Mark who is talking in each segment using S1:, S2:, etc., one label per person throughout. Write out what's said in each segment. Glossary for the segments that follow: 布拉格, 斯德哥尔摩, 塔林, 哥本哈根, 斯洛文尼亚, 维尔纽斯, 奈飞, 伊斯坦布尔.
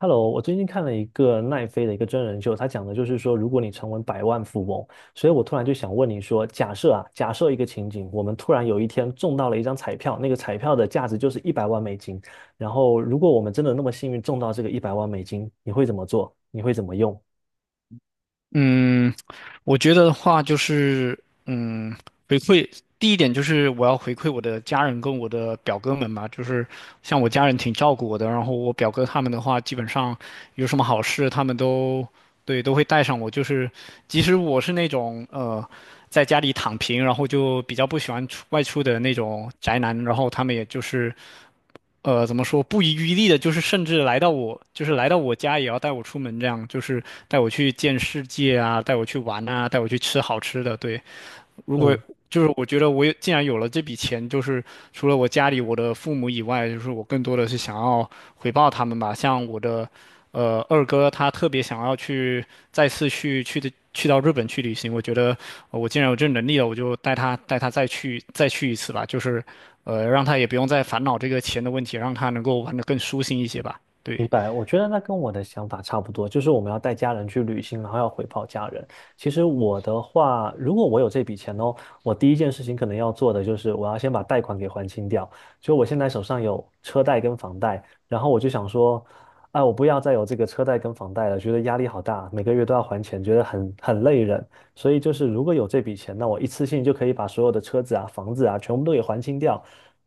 S1: Hello，我最近看了一个奈飞的一个真人秀，他讲的就是说，如果你成为百万富翁，所以我突然就想问你说，假设一个情景，我们突然有一天中到了一张彩票，那个彩票的价值就是一百万美金，然后如果我们真的那么幸运中到这个一百万美金，你会怎么做？你会怎么用？
S2: 嗯，我觉得的话就是，嗯，回馈第一点就是我要回馈我的家人跟我的表哥们嘛。就是像我家人挺照顾我的，然后我表哥他们的话，基本上有什么好事他们都对都会带上我，就是即使我是那种在家里躺平，然后就比较不喜欢出外出的那种宅男，然后他们也就是怎么说不遗余力的，就是甚至来到我，就是来到我家也要带我出门，这样就是带我去见世界啊，带我去玩啊，带我去吃好吃的，对。如果
S1: 嗯，
S2: 就是我觉得我也既然有了这笔钱，就是除了我家里我的父母以外，就是我更多的是想要回报他们吧。像我的二哥，他特别想要去再次去去的去到日本去旅行。我觉得我既然有这能力了，我就带他再去一次吧。就是让他也不用再烦恼这个钱的问题，让他能够玩得更舒心一些吧。对。
S1: 明白，我觉得那跟我的想法差不多，就是我们要带家人去旅行，然后要回报家人。其实我的话，如果我有这笔钱哦，我第一件事情可能要做的就是我要先把贷款给还清掉。就我现在手上有车贷跟房贷，然后我就想说，哎，我不要再有这个车贷跟房贷了，觉得压力好大，每个月都要还钱，觉得很累人。所以就是如果有这笔钱，那我一次性就可以把所有的车子啊、房子啊全部都给还清掉，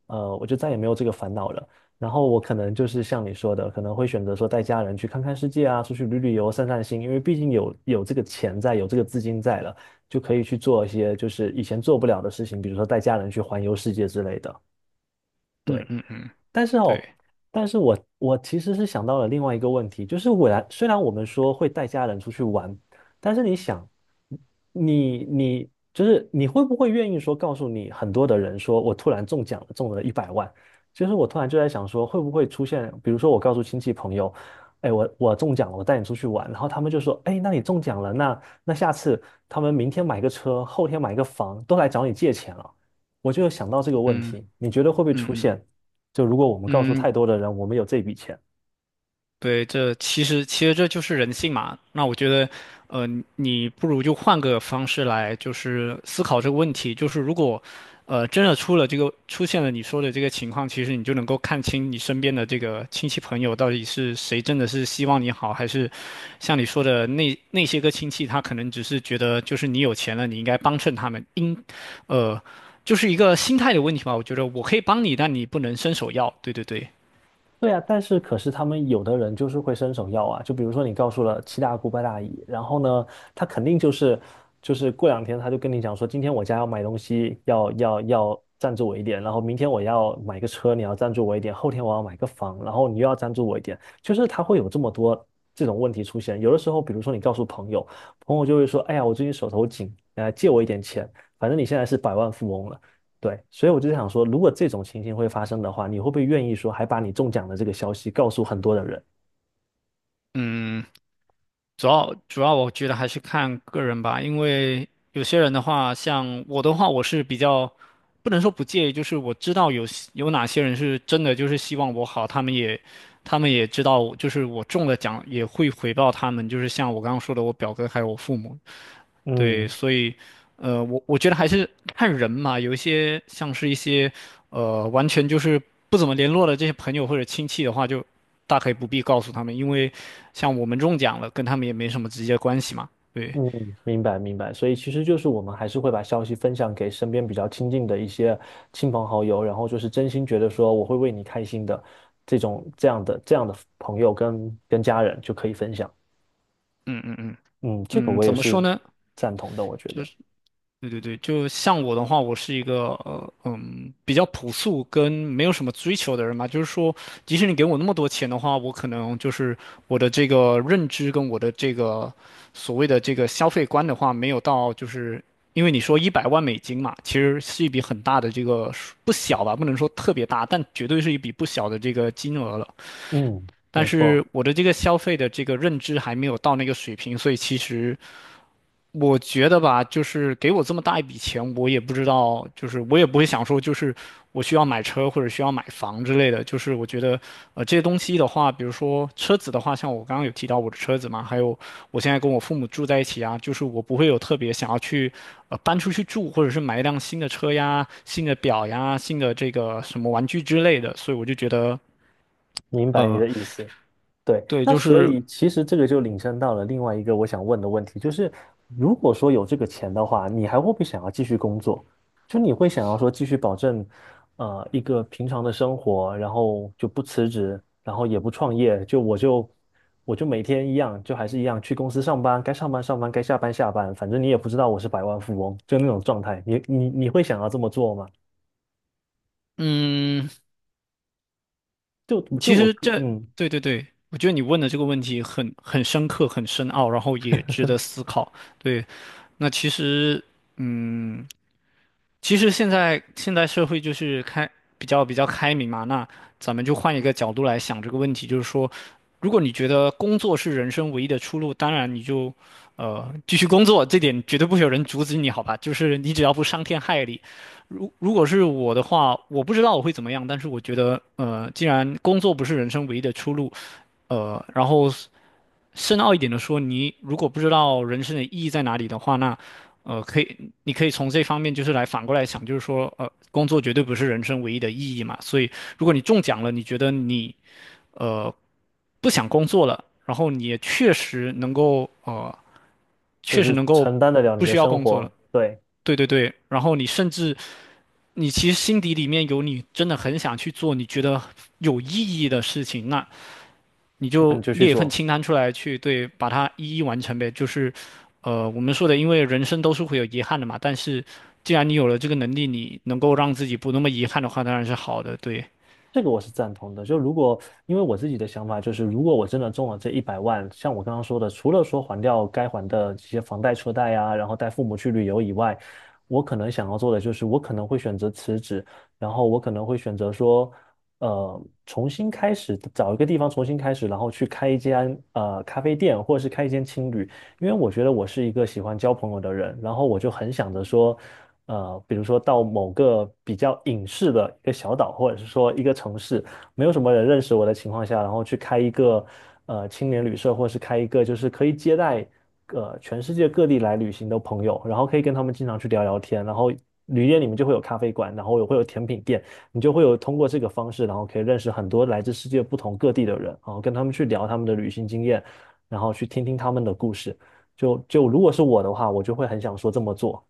S1: 我就再也没有这个烦恼了。然后我可能就是像你说的，可能会选择说带家人去看看世界啊，出去旅游、散散心，因为毕竟有这个钱在，有这个资金在了，就可以去做一些就是以前做不了的事情，比如说带家人去环游世界之类的。
S2: 嗯
S1: 对。
S2: 嗯嗯。
S1: 但是哦，
S2: 对。
S1: 但是我其实是想到了另外一个问题，就是虽然我们说会带家人出去玩，但是你想，你你就是你会不会愿意说告诉你很多的人说，我突然中奖了，中了一百万，就是我突然就在想说，会不会出现，比如说我告诉亲戚朋友，哎，我中奖了，我带你出去玩，然后他们就说，哎，那你中奖了，那下次他们明天买个车，后天买个房，都来找你借钱了，我就有想到这个问
S2: 嗯
S1: 题，你觉得会不会出
S2: 嗯嗯
S1: 现？就如果我们告诉
S2: 嗯。
S1: 太多的人，我们有这笔钱，
S2: 对，这其实这就是人性嘛。那我觉得，呃，你不如就换个方式来，就是思考这个问题。就是如果，真的出了这个出现了你说的这个情况，其实你就能够看清你身边的这个亲戚朋友到底是谁真的是希望你好，还是像你说的那些个亲戚，他可能只是觉得就是你有钱了，你应该帮衬他们，应，呃，就是一个心态的问题吧。我觉得我可以帮你，但你不能伸手要。对对对。
S1: 对啊，但是他们有的人就是会伸手要啊，就比如说你告诉了七大姑八大姨，然后呢，他肯定就是过两天他就跟你讲说，今天我家要买东西，要赞助我一点，然后明天我要买个车，你要赞助我一点，后天我要买个房，然后你又要赞助我一点，就是他会有这么多这种问题出现。有的时候，比如说你告诉朋友，朋友就会说，哎呀，我最近手头紧，借我一点钱，反正你现在是百万富翁了。对，所以我就想说，如果这种情形会发生的话，你会不会愿意说还把你中奖的这个消息告诉很多的人？
S2: 嗯。主要我觉得还是看个人吧，因为有些人的话，像我的话，我是比较不能说不介意，就是我知道有哪些人是真的就是希望我好，他们也他们也知道，就是我中了奖也会回报他们，就是像我刚刚说的，我表哥还有我父母。对，
S1: 嗯
S2: 所以，我觉得还是看人嘛，有一些像是一些，完全就是不怎么联络的这些朋友或者亲戚的话，就大可以不必告诉他们，因为像我们中奖了，跟他们也没什么直接关系嘛。对。
S1: 嗯，明白明白，所以其实就是我们还是会把消息分享给身边比较亲近的一些亲朋好友，然后就是真心觉得说我会为你开心的这种这样的朋友跟家人就可以分享。
S2: 嗯嗯嗯
S1: 嗯，这个
S2: 嗯。
S1: 我也
S2: 怎么说
S1: 是
S2: 呢？
S1: 赞同的，我觉得。
S2: 对对对，就像我的话，我是一个比较朴素跟没有什么追求的人嘛，就是说，即使你给我那么多钱的话，我可能就是我的这个认知跟我的这个所谓的这个消费观的话，没有到就是因为你说100万美金嘛，其实是一笔很大的这个数不小吧，不能说特别大，但绝对是一笔不小的这个金额了。
S1: 嗯，
S2: 但
S1: 没
S2: 是
S1: 错，
S2: 我的这个消费的这个认知还没有到那个水平，所以其实。我觉得吧，就是给我这么大一笔钱，我也不知道，就是我也不会想说，就是我需要买车或者需要买房之类的。就是我觉得，这些东西的话，比如说车子的话，像我刚刚有提到我的车子嘛，还有我现在跟我父母住在一起啊，就是我不会有特别想要去，搬出去住，或者是买一辆新的车呀、新的表呀、新的这个什么玩具之类的。所以我就觉得，
S1: 明白你
S2: 呃，
S1: 的意思。对，
S2: 对，
S1: 那
S2: 就
S1: 所
S2: 是。
S1: 以其实这个就引申到了另外一个我想问的问题，就是如果说有这个钱的话，你还会不会想要继续工作？就你会想要说继续保证，一个平常的生活，然后就不辞职，然后也不创业，就我就我就每天一样，就还是一样去公司上班，该上班上班，该下班下班，反正你也不知道我是百万富翁，就那种状态，你会想要这么做吗？
S2: 嗯，
S1: 就就
S2: 其
S1: 我
S2: 实
S1: 个
S2: 这，
S1: 嗯，
S2: 对对对，我觉得你问的这个问题很深刻、很深奥，然后也值得思考。对，那其实，嗯。其实现在社会就是开比较开明嘛，那咱们就换一个角度来想这个问题，就是说，如果你觉得工作是人生唯一的出路，当然你就，继续工作，这点绝对不会有人阻止你，好吧？就是你只要不伤天害理。如果是我的话，我不知道我会怎么样，但是我觉得，既然工作不是人生唯一的出路，然后深奥一点的说，你如果不知道人生的意义在哪里的话，那可以，你可以从这方面就是来反过来想，就是说，工作绝对不是人生唯一的意义嘛。所以，如果你中奖了，你觉得你呃不想工作了，然后你也确实能够
S1: 就
S2: 确实
S1: 是
S2: 能够
S1: 承担得了你
S2: 不
S1: 的
S2: 需要
S1: 生
S2: 工作了。
S1: 活，对，
S2: 对对对。然后你甚至你其实心底里面有你真的很想去做你觉得有意义的事情，那你
S1: 那你
S2: 就
S1: 就去
S2: 列一份
S1: 做。
S2: 清单出来去对，把它一一完成呗。就是，我们说的，因为人生都是会有遗憾的嘛。但是，既然你有了这个能力，你能够让自己不那么遗憾的话，当然是好的。对。
S1: 这个我是赞同的。就如果因为我自己的想法就是，如果我真的中了这一百万，像我刚刚说的，除了说还掉该还的这些房贷、车贷啊，然后带父母去旅游以外，我可能想要做的就是，我可能会选择辞职，然后我可能会选择说，重新开始，找一个地方重新开始，然后去开一间咖啡店，或者是开一间青旅，因为我觉得我是一个喜欢交朋友的人，然后我就很想着说。比如说到某个比较隐士的一个小岛，或者是说一个城市，没有什么人认识我的情况下，然后去开一个青年旅社，或者是开一个就是可以接待全世界各地来旅行的朋友，然后可以跟他们经常去聊聊天，然后旅店里面就会有咖啡馆，然后也会有甜品店，你就会有通过这个方式，然后可以认识很多来自世界不同各地的人，然后跟他们去聊他们的旅行经验，然后去听听他们的故事。就如果是我的话，我就会很想说这么做。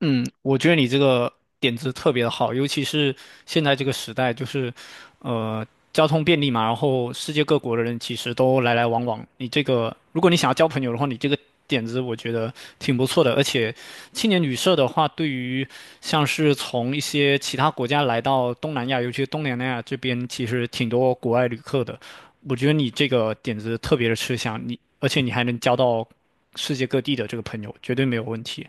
S2: 嗯，我觉得你这个点子特别的好，尤其是现在这个时代，就是，呃，交通便利嘛，然后世界各国的人其实都来来往往。你这个，如果你想要交朋友的话，你这个点子我觉得挺不错的。而且，青年旅社的话，对于像是从一些其他国家来到东南亚，尤其是东南亚这边，其实挺多国外旅客的。我觉得你这个点子特别的吃香，你而且你还能交到世界各地的这个朋友，绝对没有问题。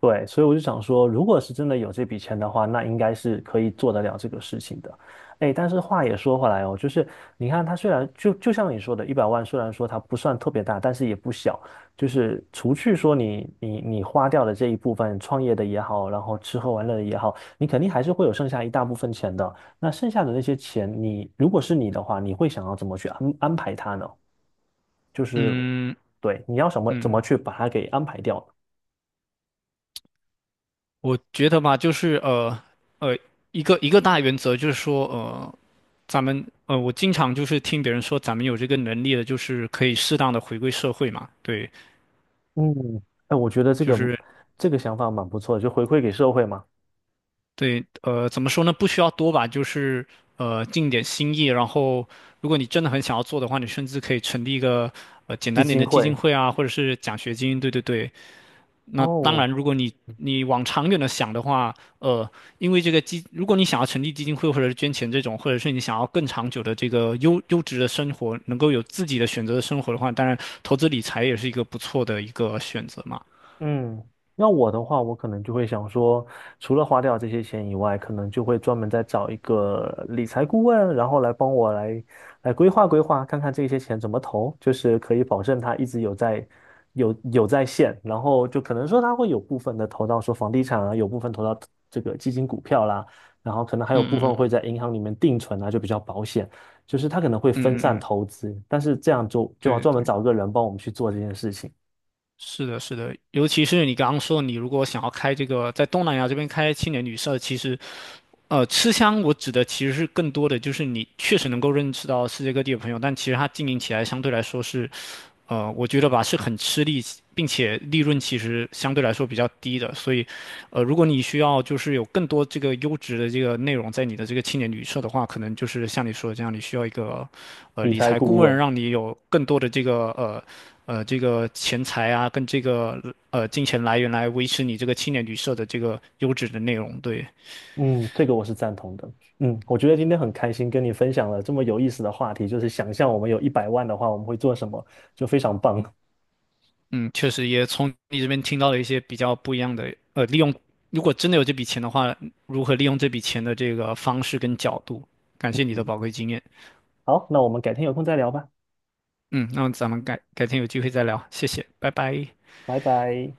S1: 对，所以我就想说，如果是真的有这笔钱的话，那应该是可以做得了这个事情的。哎，但是话也说回来哦，就是你看，它虽然就像你说的，一百万虽然说它不算特别大，但是也不小。就是除去说你花掉的这一部分，创业的也好，然后吃喝玩乐的也好，你肯定还是会有剩下一大部分钱的。那剩下的那些钱，你如果是你的话，你会想要怎么去安排它呢？就是
S2: 嗯。
S1: 对，你要什么怎么
S2: 嗯，
S1: 去把它给安排掉？
S2: 我觉得吧，就是呃，一个大原则就是说，我经常就是听别人说，咱们有这个能力的，就是可以适当的回归社会嘛。对，
S1: 嗯，哎，我觉得这
S2: 就
S1: 个
S2: 是
S1: 这个想法蛮不错的，就回馈给社会嘛，
S2: 对，怎么说呢？不需要多吧，就是尽点心意。然后，如果你真的很想要做的话，你甚至可以成立一个简
S1: 基
S2: 单点
S1: 金
S2: 的基金
S1: 会。
S2: 会啊，或者是奖学金。对对对，那当
S1: 哦，
S2: 然，如果你你往长远的想的话，因为这个基，如果你想要成立基金会或者是捐钱这种，或者是你想要更长久的这个优质的生活，能够有自己的选择的生活的话，当然投资理财也是一个不错的一个选择嘛。
S1: 嗯，要我的话，我可能就会想说，除了花掉这些钱以外，可能就会专门再找一个理财顾问，然后来帮我来规划规划，看看这些钱怎么投，就是可以保证他一直有在线，然后就可能说他会有部分的投到说房地产啊，有部分投到这个基金股票啦，然后可能还有部分会在银行里面定存啊，就比较保险，就是他可能会
S2: 嗯
S1: 分散
S2: 嗯嗯，
S1: 投资，但是这样就
S2: 对
S1: 要专门
S2: 对对。
S1: 找个人帮我们去做这件事情，
S2: 是的，是的，尤其是你刚刚说，你如果想要开这个在东南亚这边开青年旅社，其实，吃香我指的其实是更多的就是你确实能够认识到世界各地的朋友，但其实它经营起来相对来说是我觉得吧是很吃力，并且利润其实相对来说比较低的，所以，如果你需要就是有更多这个优质的这个内容在你的这个青年旅社的话，可能就是像你说的这样，你需要一个
S1: 理
S2: 理
S1: 财
S2: 财顾
S1: 顾
S2: 问，
S1: 问。
S2: 让你有更多的这个这个钱财啊，跟这个金钱来源来维持你这个青年旅社的这个优质的内容，对。
S1: 嗯，这个我是赞同的。嗯，我觉得今天很开心跟你分享了这么有意思的话题，就是想象我们有一百万的话，我们会做什么，就非常棒。
S2: 嗯，确实也从你这边听到了一些比较不一样的，利用，如果真的有这笔钱的话，如何利用这笔钱的这个方式跟角度。感谢你的
S1: 嗯，
S2: 宝贵经验。
S1: 好，那我们改天有空再聊吧，
S2: 嗯，那咱们改天有机会再聊，谢谢，拜拜。
S1: 拜拜。